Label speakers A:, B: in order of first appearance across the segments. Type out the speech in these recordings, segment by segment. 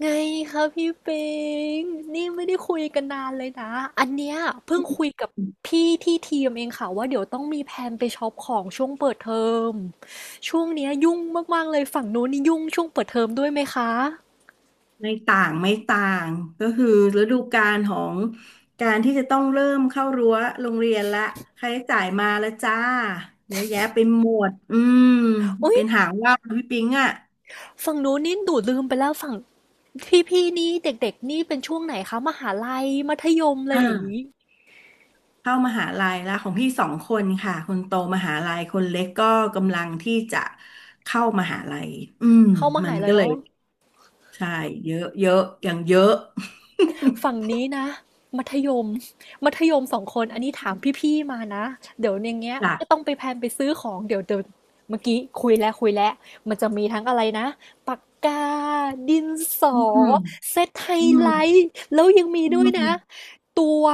A: ไงคะพี่ปิงนี่ไม่ได้คุยกันนานเลยนะอันเนี้ยเพิ่งคุยกับพี่ที่ทีมเองค่ะว่าเดี๋ยวต้องมีแผนไปช็อปของช่วงเปิดเทอมช่วงเนี้ยยุ่งมากๆเลยฝั่งนู้นนี่ยุ่งช่วงเปิดเทอมด้วยไหมคะ
B: ไม่ต่างไม่ต่างก็คือฤดูกาลของการที่จะต้องเริ่มเข้ารั้วโรงเรียนละค่าใช้จ่ายมาแล้วจ้าเยอะแยะไปหมด
A: อุ๊ย
B: เป็นหางว่าวพี่ปิงอ่ะ
A: ฝั่งนู้นนี่ดูลืมไปแล้วฝั่งพี่ๆนี่เด็กๆนี่เป็นช่วงไหนคะมหาลัยมัธยมอะ
B: อ
A: ไรอย่างนี้
B: ่าเข้ามหาลัยและของพี่สองคนค่ะคนโตมหาลัยคนเล็กก็กำลังที่จะเข้ามหาลัยอืม
A: เข้าม
B: มั
A: หา
B: น
A: ลั
B: ก็
A: ย
B: เลย
A: เนาะ
B: ใช่เยอะเยอะอย่างเยอะ
A: ฝั่งนี้นะมัธยมมัธยมสองคนอันนี้ถามพี่ๆมานะเดี๋ยวอย่างเงี้ย
B: จ้ะ
A: ก็ต้องไปแพลนไปซื้อของเดี๋ยวเดี๋ยวเมื่อกี้คุยแล้วคุยแล้วมันจะมีทั้งอะไรนะปากกาดินสอ
B: อืม
A: เซตไฮ
B: อืม
A: ไลท์แล้วยังมี
B: อื
A: ด้วยนะ
B: ม
A: ตัว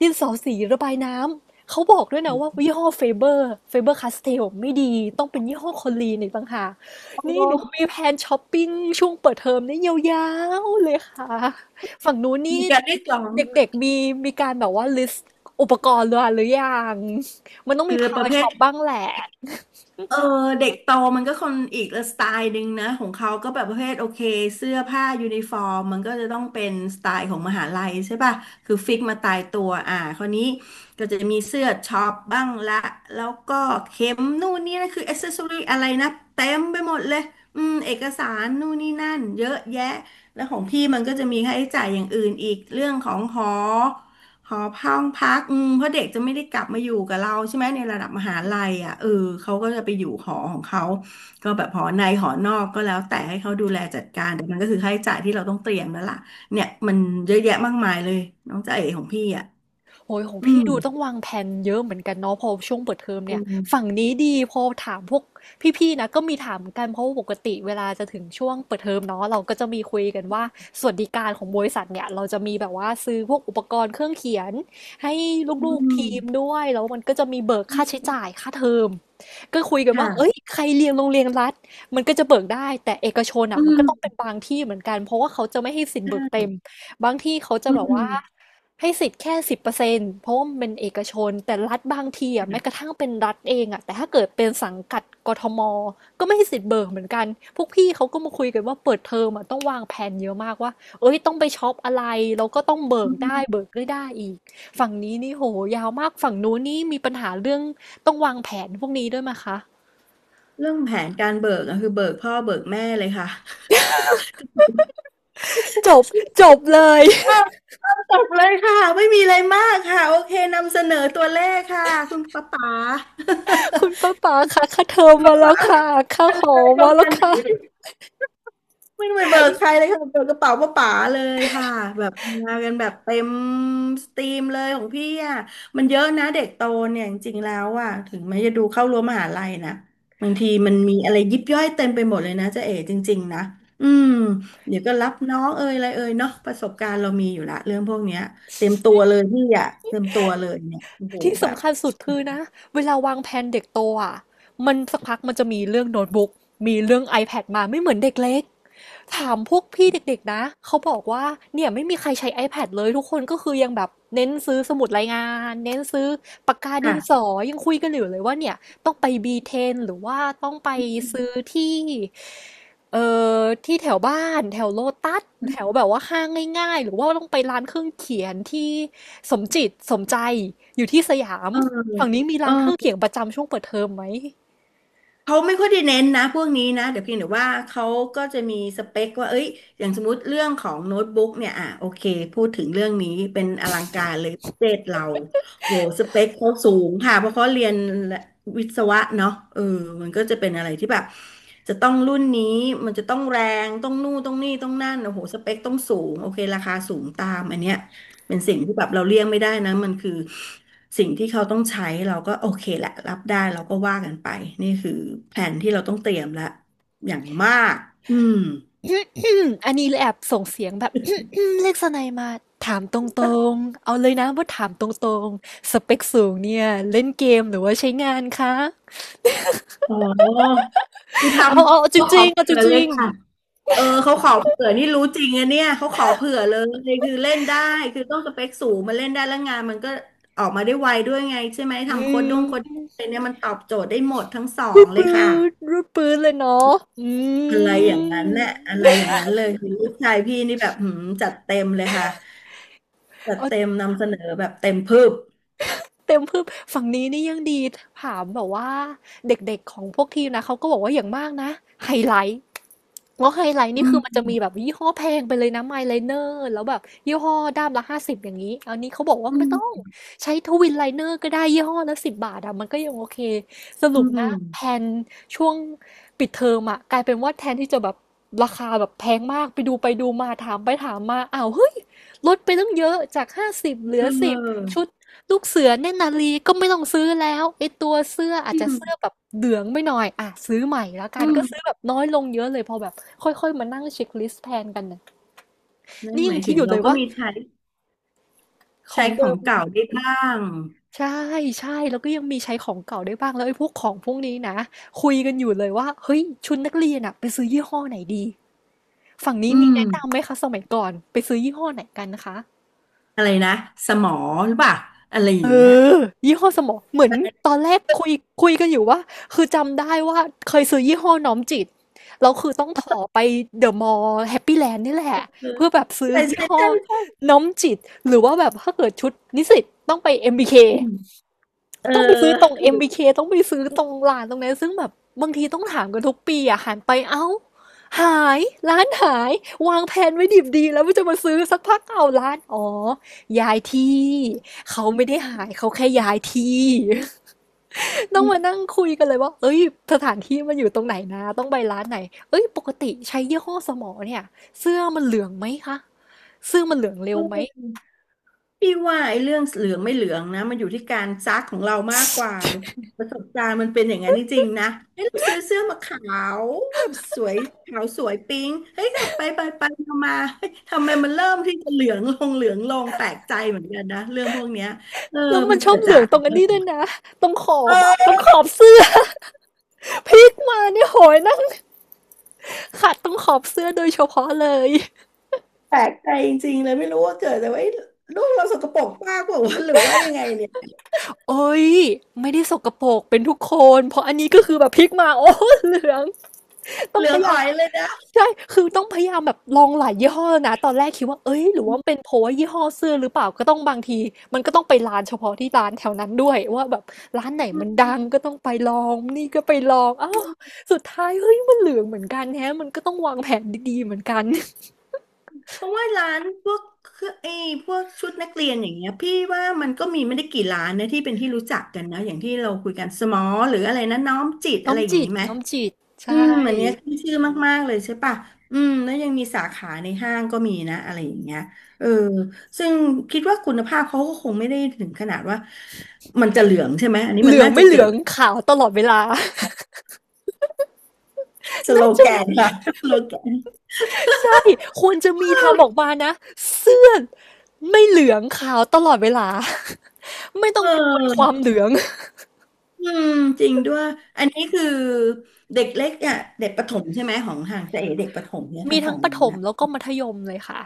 A: ดินสอสีระบายน้ำเขาบอกด้วยนะว่ายี่ห้อเฟเบอร์เฟเบอร์คาสเทลไม่ดีต้องเป็นยี่ห้อคอลีนอีกต่างหาก
B: โอ
A: นี่
B: ้
A: เดี๋ยวมีแพลนช้อปปิ้งช่วงเปิดเทอมนี่ยาวๆเลยค่ะ ฝั่งนู้นนี่
B: มีการได้กลอง
A: เด็กๆมีมีการแบบว่า list อุปกรณ์เรือหรือยังมันต้อง
B: คื
A: มี
B: อ
A: พา
B: ประ
A: รา
B: เภ
A: ช็
B: ท
A: อปบ้างแหละ
B: เออเด็กโตมันก็คนอีกสไตล์หนึ่งนะของเขาก็แบบประเภทโอเคเสื้อผ้ายูนิฟอร์มมันก็จะต้องเป็นสไตล์ของมหาลัยใช่ป่ะคือฟิกมาตายตัวอ่าคราวนี้ก็จะมีเสื้อช็อปบ้างละแล้วก็เข็มนู่นนี่นะคืออ c เซสซอรี่อะไรนะเต็มไปหมดเลยเอกสารนู่นนี่นั่นเยอะแยะแล้วของพี่มันก็จะมีค่าใช้จ่ายอย่างอื่นอีกเรื่องของหอ หอห้องพักเพราะเด็กจะไม่ได้กลับมาอยู่กับเราใช่ไหมในระดับมหาลัยอ่ะเออเขาก็จะไปอยู่หอของเขาก็แบบหอในหอนอกก็แล้วแต่ให้เขาดูแลจัดการแต่มันก็คือค่าใช้จ่ายที่เราต้องเตรียมแล้วล่ะเนี่ยมันเยอะแยะมากมายเลยน้องจ๊ะเอ๋ของพี่อ่ะ
A: โอ้ยของ
B: อื
A: พี่
B: ม
A: ดูต้องวางแผนเยอะเหมือนกันเนาะพอช่วงเปิดเทอม
B: อื
A: เนี่ยฝั่ง
B: ม
A: นี้ดีพอถามพวกพี่ๆนะก็มีถามกันเพราะว่าปกติเวลาจะถึงช่วงเปิดเทอมเนาะเราก็จะมีคุยกันว่าสวัสดิการของบริษัทเนี่ยเราจะมีแบบว่าซื้อพวกอุปกรณ์เครื่องเขียนให้ล
B: อื
A: ูกๆ
B: ม
A: ทีมด้วยแล้วมันก็จะมีเบิกค่าใช้จ่ายค่าเทอมก็คุยกันว่าเอ้ย
B: ค่ะ
A: ใครเรียนโรงเรียนรัฐมันก็จะเบิกได้ แต่เอกชน
B: อื
A: อ่ะมันก็
B: ม
A: ต้องเป็นบางที่เหมือนกันเพราะว่าเขาจะไม่ให้สิทธิ์เบิกเต็ม บางที่เขาจะ
B: อื
A: แบบว่า
B: ม
A: ให้สิทธิ์แค่10%เพราะว่ามันเป็นเอกชนแต่รัฐบางทีอ่ะแม้กระทั่งเป็นรัฐเองอ่ะแต่ถ้าเกิดเป็นสังกัดกทมก็ไม่ให้สิทธิ์เบิกเหมือนกันพวกพี่เขาก็มาคุยกันว่าเปิดเทอมอ่ะต้องวางแผนเยอะมากว่าเอ้ยต้องไปช็อปอะไรแล้วก็ต้องเบิ
B: อื
A: กได้เบิ
B: ม
A: กไม่ได้อีกฝั่งนี้นี่โหยาวมากฝั่งนู้นนี่มีปัญหาเรื่องต้องวางแผนพวกนี้ด้วยไหมคะ
B: เรื่องแผนการเบิกอะคือเบิกพ่อเบิกแม่เลยค่ะ
A: จบ จบเลย
B: อ้าวอ้าวจบเลยค่ะไม่มีอะไรมากค่ะโอเคนำเสนอตัวเลขค่ะคุณป๊าป๋า
A: คุณป้าป๋าค่ะค่าเทอมมาแล้วค่ะค่า
B: อะ
A: หอ
B: ไรป
A: มา
B: ระ
A: แล้
B: มา
A: ว
B: ณ
A: ค่ะ
B: นี้ ไม่ต้องไปเบิกใครเลยค่ะเบิกกระเป๋าป้าป๋าเลยค่ะแบบมากันแบบเต็มสตรีมเลยของพี่อ่ะมันเยอะนะเด็กโตเนี่ยจริงๆแล้วอ่ะถึงแม้จะดูเข้ารั้วมหาลัยนะบางทีมันมีอะไรยิบย่อยเต็มไปหมดเลยนะจ๊ะเอ๋จริงๆนะอืมเดี๋ยวก็รับน้องเอ่ยอะไรเอ่ยเนาะประสบการณ์เรามีอยู่ละเรื่องพวกเนี้ยเต็มตัวเลยพี่อ่ะเต็มตัวเลยเนี่ยโอ้โห
A: ที่
B: แบบ
A: สำคัญสุดคือนะเวลาวางแผนเด็กโตอ่ะมันสักพักมันจะมีเรื่องโน้ตบุ๊กมีเรื่อง iPad มาไม่เหมือนเด็กเล็ก ถามพวกพี่เด็กๆนะ เขาบอกว่าเนี่ยไม่มีใครใช้ iPad เลยทุกคนก็คือยังแบบเน้นซื้อสมุดรายงานเน้นซื้อปากกาดินส
B: ค่ะ
A: อยังคุยกันอยู่เลยว่าเนี่ยต้องไป B10 หรือว่าต้องไปซื้อที่เอ่ที่แถวบ้านแถวโลตัสแถวแบบว่าห้างง่ายๆหรือว่าต้องไปร้านเครื่องเขียนที่สมจิตสมใจอยู่ที่สยาม
B: เออ
A: ฝั่งนี้มี
B: เอ
A: ร้า
B: อ
A: นเครื่องเขียนประจำช่วงเปิดเทอมไหม
B: เขาไม่ค่อยได้เน้นนะพวกนี้นะเดี๋ยวเพียงแต่ว่าเขาก็จะมีสเปคว่าเอ้ยอย่างสมมติเรื่องของโน้ตบุ๊กเนี่ยอ่ะโอเคพูดถึงเรื่องนี้เป็นอลังการเลยประเทศเราโหสเปคเขาสูงค่ะเพราะเขาเรียนวิศวะเนาะเออมันก็จะเป็นอะไรที่แบบจะต้องรุ่นนี้มันจะต้องแรงต้องนู่นต้องนี่ต้องนั่นโอ้โหสเปคต้องสูงโอเคราคาสูงตามอันเนี้ยเป็นสิ่งที่แบบเราเลี่ยงไม่ได้นะมันคือ สิ่งที่เขาต้องใช้เราก็โอเคแหละรับได้เราก็ว่ากันไปนี่คือแผนที่เราต้องเตรียมละอย่างมากอืม
A: อันนี้เลยแอบส่งเสียงแบบ เรียกสไนัยมาถามตรงๆ เอาเลยนะว่าถามตรงๆ สเปคสูงเนี่ยเล่นเกมหรือว่าใช้งานคะ
B: อ๋อคือท
A: เอาเอาเอา
B: ำ
A: จ
B: เขาข
A: ริ
B: อ
A: งๆเอาจ
B: เผื่อเล
A: ริ
B: ย
A: ง
B: ค่ะเขาขอเผื่อนี่รู้จริงอะเนี่ยเขาขอเผื่อเลยคือเล่นได้คือต้องสเปคสูงมันเล่นได้แล้วงานมันก็ออกมาได้ไวด้วยไงใช่ไหม
A: ๆอื
B: ทำโค้ดด้งโค้ด
A: ม
B: อะไรเนี่ยมันตอบโจทย์ได้หมดทั้งสอ
A: รู
B: ง
A: ด
B: เลย
A: ปื
B: ค่ะ
A: นรูดปืนเลยเนาะอื
B: อะไรอย่างนั้นเนี่ยอะไร
A: ม
B: อย่างนั้นเลยคือลูกชายพี่นี่แบบหืมจัดเต็มเลยค่ะ จัดเต็ม
A: เอา
B: นำเสนอแบบเต็มพืบ
A: เต็มเพื่มฝั่งนี้นี่ยังดีถามแบบว่าเด็กๆของพวกทีมนะเขาก็บอกว่าอย่างมากนะไฮไลท์ แลไฮไลท์นี่
B: อื
A: คือมันจะมี
B: ม
A: แบบยี่ห้อแพงไปเลยนะไมล์ไลเนอร์แล้วแบบยี่ห้อด้ามละห้าสิบอย่างนี้อันนี้เขาบอกว่า
B: อื
A: ไม่ต้อง
B: ม
A: ใช้ทวินไลเนอร์ก็ได้ยี่ห้อละ10 บาทอะมันก็ยังโอเคส
B: อื
A: รุปนะแพ
B: ม
A: นช่วงปิดเทอมอะกลายเป็นว่าแทนที่จะแบบราคาแบบแพงมากไปดูไปดูมาถามไปถามมาอ้าวเฮ้ยลดไปตั้งเยอะจากห้าสิบเหลื
B: เ
A: อสิบ
B: ออ
A: ชุดลูกเสือเนตรนารีก็ไม่ต้องซื้อแล้วไอตัวเสื้ออาจ
B: อื
A: จะ
B: ม
A: เสื้อแบบเหลืองไปหน่อยอ่ะซื้อใหม่แล้วกั
B: อื
A: นก็ซื้อ
B: ม
A: แบบน้อยลงเยอะเลยพอแบบ ค่อยๆ มานั่งเช็คลิสต์แทนกันน่ะ
B: นั่น
A: นี่
B: ห
A: ยั
B: มา
A: ง
B: ย
A: คิ
B: ถึ
A: ด
B: ง
A: อยู่
B: เรา
A: เลย
B: ก็
A: ว่า
B: มีใช้
A: ขอ
B: ใช้
A: ง
B: ข
A: เดิ
B: อง
A: ม
B: เก่าได้บ้าง
A: ใช่ใช่แล้วก็ยังมีใช้ของเก่าได้บ้างแล้วไอ้พวกของพวกนี้นะคุยกันอยู่เลยว่าเฮ้ยชุดนักเรียนอะไปซื้อยี่ห้อไหนดีฝั่งนี้
B: อื
A: มี
B: ม
A: แนะนำไหมคะสมัยก่อนไปซื้อยี่ห้อไหนกันนะคะ
B: อะไรนะสมอหรือเปล่าอะไรอ
A: เอ
B: ย่างเงี้ย
A: อยี่ห้อสมอเหมือนตอนแรกคุยกันอยู่ว่าคือจำได้ว่าเคยซื้อยี่ห้อน้อมจิตแล้วคือต้องถ่อไปเดอะมอลล์แฮปปี้แลนด์นี่แหละ
B: อ
A: เพื่อแบบซื้อ
B: ใช่
A: ยี่
B: ใช่
A: ห้อ
B: ใช่ใช่
A: น้อมจิตหรือว่าแบบถ้าเกิดชุดนิสิตต้องไป MBK
B: อืมเออ
A: ต้องไปซื้อตรง
B: ถ
A: MBK ต้องไปซื้อตรงร้านตรงนั้นซึ่งแบบบางทีต้องถามกันทุกปีอ่ะหันไปเอ้าหายร้านหายวางแผนไว้ดิบดีแล้วว่าจะมาซื้อสักพักเอาร้านอ๋อย้ายที่เขาไม่ได้หายเขาแค่ย้ายที่ ต้องมานั่งคุยกันเลยว่าเอ้ยสถานที่มันอยู่ตรงไหนนะต้องไปร้านไหนเอ้ยปกติใช้ยี่ห้อสมอเนี่ยเสื้อมันเหลืองไหมคะเสื้อมันเหลืองเร็ว
B: ู
A: ไหม
B: ก พี่ว่าไอ้เรื่องเหลืองไม่เหลืองนะมันอยู่ที่การซักของเรามากกว่าลูกประสบการณ์มันเป็นอย่างนั้นจริงๆนะเฮ้ยเราซื้อเสื้อมาขาวแบบสวยขาวสวยปิ๊งเฮ้ยแต่ไปไปไปมามาเฮ้ยทำไมมันเริ่มที่จะเหลืองลงเหลืองลงแปลกใจเหมือนกันนะเรื่องพวกเนี้ยเออ
A: แล้วมั
B: มั
A: น
B: น
A: ชอ
B: เกิ
A: บ
B: ด
A: เหลื
B: จา
A: อง
B: ก
A: ตร
B: อะ
A: งอันนี้ด้ว
B: ไร
A: ยนะตรงขอบอะตร
B: เออ
A: งขอบเสื้อ พลิกมาเนี่ยโหยนั่งขัดตรงขอบเสื้อโดยเฉพาะเลย
B: แปลกใจจริงๆเลยไม่รู้ว่าเกิดแต่ว่าเอ้ยลูกเราสกปรกมากกว่าวะหรือว่ายังไงเนี่ย
A: โอ้ยไม่ได้สกปรกเป็นทุกคนเพราะอันนี้ก็คือแบบพลิกมาโอ้เหลืองต้อ
B: เห
A: ง
B: ลื
A: พ
B: อง
A: ยายาม
B: อ่อยเลยนะ
A: ใช่คือต้องพยายามแบบลองหลายยี่ห้อนะตอนแรกคิดว่าเอ้ยหรือว่าเป็นเพราะว่ายี่ห้อเสื้อหรือเปล่าก็ต้องบางทีมันก็ต้องไปร้านเฉพาะที่ร้านแถวนั้นด้วยว่าแบบร้านไหนมั
B: อ
A: นดังก็ต้องไปลองนี่ก็ไปลองอ้า
B: ื
A: ว
B: ม
A: สุดท้ายเฮ้ยมันเหลืองเหมือนกันแฮะมันก็ต้องวางแผนดีๆเหมือนกัน
B: เพราะว่าร้านพวกเครื่องไอ้พวกชุดนักเรียนอย่างเงี้ยพี่ว่ามันก็มีไม่ได้กี่ร้านนะที่เป็นที่รู้จักกันนะอย่างที่เราคุยกันสมอหรืออะไรนะน้อมจิต
A: น้
B: อะ
A: อ
B: ไร
A: ม
B: อย่าง
A: จิต
B: งี้ไหม
A: น้อมจิตใช่
B: อันเนี้ยขึ้นชื่อมากๆเลยใช่ปะแล้วยังมีสาขาในห้างก็มีนะอะไรอย่างเงี้ยเออซึ่งคิดว่าคุณภาพเขาก็คงไม่ได้ถึงขนาดว่ามันจะเหลืองใช่ไหมอันนี้
A: เห
B: มัน
A: ลือง
B: น่าจะ
A: ไม่เห
B: เกิ
A: ลือ
B: ด
A: งขาวตลอดเวลา
B: ส โล
A: น่าจะ
B: แกนค่ะ สโลแกน
A: ใช่ควรจะมีทำออกมานะเสื้อไม่เหลืองขาวตลอดเวลา ไม่ต้
B: เ
A: องกังวลความ
B: ออ
A: เหลือง
B: อืมจริงด้วยอันนี้คือเด็กเล็กอ่ะเด็กประถมใช่ไหมของห่างจะเอ๋เด็กประถมเนี่ย
A: มี
B: ทาง
A: ทั้
B: ฝั่
A: ง
B: ง
A: ประ
B: นู้
A: ถ
B: น
A: ม
B: น่ะ
A: แล้วก็มัธยมเลยค่ะ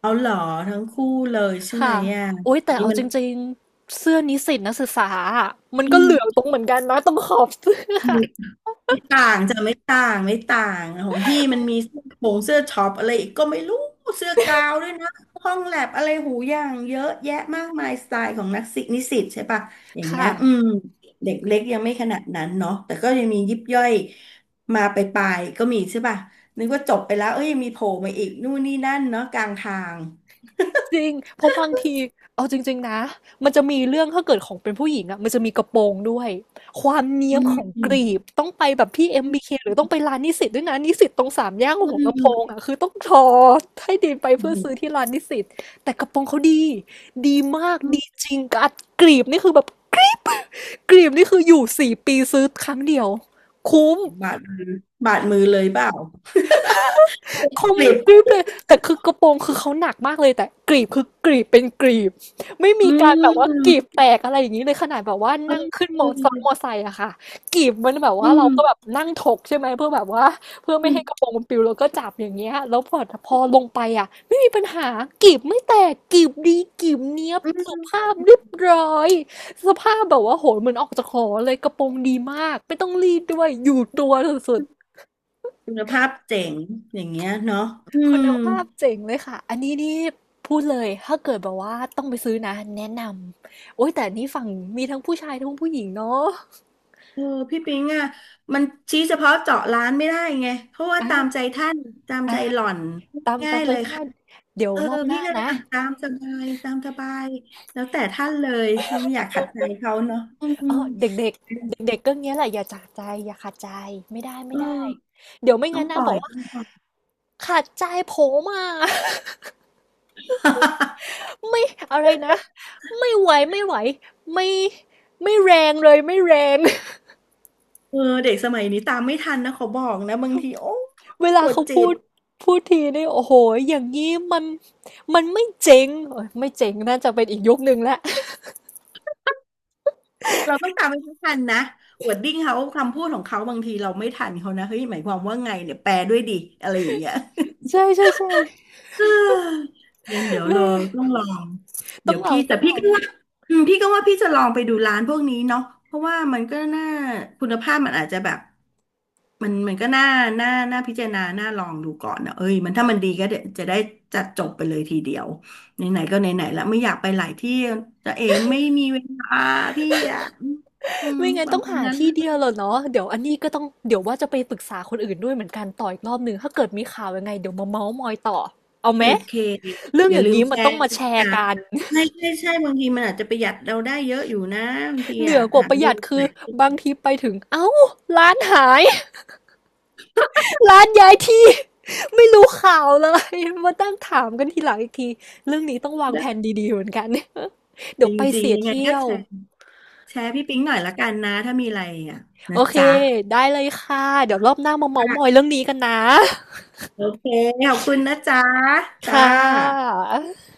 B: เอาเหรอทั้งคู่เลยใช่ไหม
A: ค่ะ
B: อ่ะ
A: โอ๊ย
B: อั
A: แต่
B: นนี้
A: เอา
B: มั
A: จ
B: น
A: ริงๆเสื้อนิสิตนักศึกษาอะมันก็
B: อื
A: เหลืองต
B: ม
A: รงเหมือนกันนะตรงขอบเสื้อ
B: ไม่ต่างไม่ต่างของพี่มันมีเสื้อโปรงเสื้อช็อปอะไรอีกก็ไม่รู้เสื้อกาวด้วยนะห้องแลบอะไรหูอย่างเยอะแยะมากมายสไตล์ของนักศึกนิสิตใช่ปะอย่า งเงี้
A: ค่ะ
B: ยอืมเด็กเล็กยังไม่ขนาดนั้นเนาะแต่ก็ยังมียิบย่อยมาไปลายๆก็มีใช่ปะนึกว่าจบไปแล้วเอ้ยยังมีโผล่มาอีกนู่นนี่นั่นเนาะกลางทาง
A: จริง เพราะบางทีเอาจริงๆนะมันจะมีเรื่องถ้าเกิดของเป็นผู้หญิงอะมันจะมีกระโปรงด้วยความเนี้ย
B: อื
A: ม
B: ม
A: ของกรีบต้องไปแบบพี่ MBK หรือต้องไปร้านนิสิตด้วยนะนิสิตตรงสามแย่
B: อื
A: หัวลำโพง
B: ม
A: อะคือต้องทอให้ดีไปเพื่อซื้อ
B: อ
A: ที่ร้านนิสิตแต่กระโปรงเขาดีดีมากดีจริงกัดกรีบนี่คือแบบกรีบกรีบนี่คืออยู่สี่ปีซื้อครั้งเดียวคุ้ม
B: บาดมือบาดมือเลยเปล่า
A: คม
B: กลิบ
A: กริบเลยแต่คือกระโปรงคือเขาหนักมากเลยแต่กรีบคือกรีบเป็นกรีบไม่
B: อื
A: มีการแบบว่ากรีบ
B: ม
A: แตกอะไรอย่างนี้เลยขนาดแบบว่า
B: เอ
A: นั่งขึ้นมอซ้อนมอ
B: อ
A: ไซค์อะค่ะกรีบมันแบบ
B: อื
A: ว่าเราก็แบบ
B: ม
A: นั่งถกใช่ไหมเพื่อแบบว่าเพื่อไม่
B: อืม
A: ให้กระโปรงมันปลิวเราก็จับอย่างเงี้ยแล้วพอพอลงไปอะไม่มีปัญหากรีบไม่แตกกรีบดีกรีบเนี้ยบ
B: อื
A: สุ
B: ม
A: ภาพเรียบร้อยสภาพแบบว่าโหยเหมือนออกจากหอเลยกระโปรงดีมากไม่ต้องรีดด้วยอยู่ตัวสุด
B: คุณภาพเจ๋งอย่างเงี้ยเนาะอื
A: คุ
B: ม
A: ณภาพเจ๋งเลยค่ะ อันนี้นี่พูดเลย ถ้าเกิดแบบว่าต้องไปซื้อนะแนะนำ โอ้ยแต่นี่ฝั่งมีทั้งผู้ชายทั้งผู้หญิงเนาะ
B: เออพี่ปิงอ่ะมันชี้เฉพาะเจาะร้านไม่ได้ไงเพราะว่าตามใจ
A: อ่า
B: ท่านตามใจ
A: อ่า
B: หล่อน
A: ตาม
B: ง่า
A: ตา
B: ย
A: มใจ
B: เลย
A: ท่า
B: ค่ะ
A: นเดี๋ยว
B: เออ
A: รอบห
B: พี่
A: น้า
B: ก็เลย
A: นะ
B: อ่ะตามสบายตามสบายแล้วแต่ท่านเลยไม่อยากขัดใจเขาเนาะอื
A: เอ
B: ม
A: อเด็กเด็กเด็กเด็กๆก็เงี้ยแหละอย่าจากใจอย่าขาดใจไม่ได้ไม่
B: เอ
A: ได้
B: อ
A: เดี๋ยวไม่
B: ต้อ
A: งั้
B: ง
A: น
B: ป
A: นะ
B: ล่
A: บ
B: อ
A: อ
B: ย
A: กว่า
B: ต้องปล่อย
A: ขาดใจผมอ่ะ ไม่อะไรนะไม่ไหวไม่ไหวไม่ไม่แรงเลยไม่แรง
B: เออเด็กสมัยนี้ตามไม่ทันนะขอบอกนะบางทีโอ้
A: เว
B: ป
A: ลา
B: วด
A: เขา
B: จิ
A: พู
B: ต
A: ดพูดทีนี่โอ้โหอย่างงี้มันมันไม่เจ๋งเอยไม่เจ๋งน่าจะเป็นอีกยุคหนึ่งแล้ว
B: เราต้องตามไปให้ทันนะวอร์ดดิ้งเขาคำพูดของเขาบางทีเราไม่ทันเขานะเฮ้ยหมายความว่าไงเนี่ยแปลด้วยดิอะไรอย่างเงี้ย
A: ใช่ใช่ใช่
B: งั้นเดี๋ยว
A: แม่
B: เราต้องลอง
A: ต้อ
B: เดี๋ย
A: ง
B: ว
A: ลอ
B: พี่
A: งต้
B: แต่
A: องล
B: พี่
A: อง
B: ก็ว่าอืมพี่ก็ว่าพี่จะลองไปดูร้านพวกนี้เนาะเพราะว่ามันก็น่าคุณภาพมันอาจจะแบบมันก็น่าพิจารณาน่าลองดูก่อนนะเอ้ยถ้ามันดีก็เดี๋ยวจะได้จัดจบไปเลยทีเดียวไหนๆก็ไหนๆแล้วไม่อยากไปหลายที่จะเอไม่มีเวลาพี่อะอืม
A: ไม่งั้
B: ป
A: น
B: ระ
A: ต้อง
B: มาณ
A: หา
B: นั้น
A: ที่เดียวแหละเนาะเดี๋ยวอันนี้ก็ต้องเดี๋ยวว่าจะไปปรึกษาคนอื่นด้วยเหมือนกันต่ออีกรอบหนึ่งถ้าเกิดมีข่าวยังไงเดี๋ยวมาเมาส์มอยต่อเอาไห
B: โอ
A: ม
B: เค
A: เรื่อ
B: อ
A: งอ
B: ย่า
A: ย่า
B: ลื
A: ง
B: ม
A: นี้
B: แช
A: มันต้อง
B: ร์
A: มา
B: นะ
A: แชร์
B: จ๊ะ
A: กัน
B: ใช่ใช่ใช่บางทีมันอาจจะประหยัดเราได้เยอะอยู่นะบางที
A: เหนื
B: อ่ะ
A: อกว่า
B: หา
A: ประห
B: ดู
A: ยัด
B: ไห
A: คื
B: น
A: อบางทีไปถึงเอ้าร้านหาย ร้านย้ายที่ ไม่รู้ข่าวเลย มาตั้งถามกันทีหลังอีกทีเรื่องนี้ต้องวางแผ
B: ได้
A: นดีๆเหมือนกัน เดี๋
B: จ
A: ยวไป
B: ริง
A: เสีย
B: ๆยังไง
A: เที่
B: ก็
A: ยว
B: แชร์แชร์พี่ปิ๊งหน่อยละกันนะถ้ามีอะไรอ่ะ
A: โอ
B: นะ
A: เค
B: จ๊ะ
A: ได้เลยค่ะเดี๋ยวรอบหน้ามาเม้าท์มอยเรื่องนี้กันนะ
B: โอเคขอบคุณนะจ๊ะ จ้า
A: ค่ะ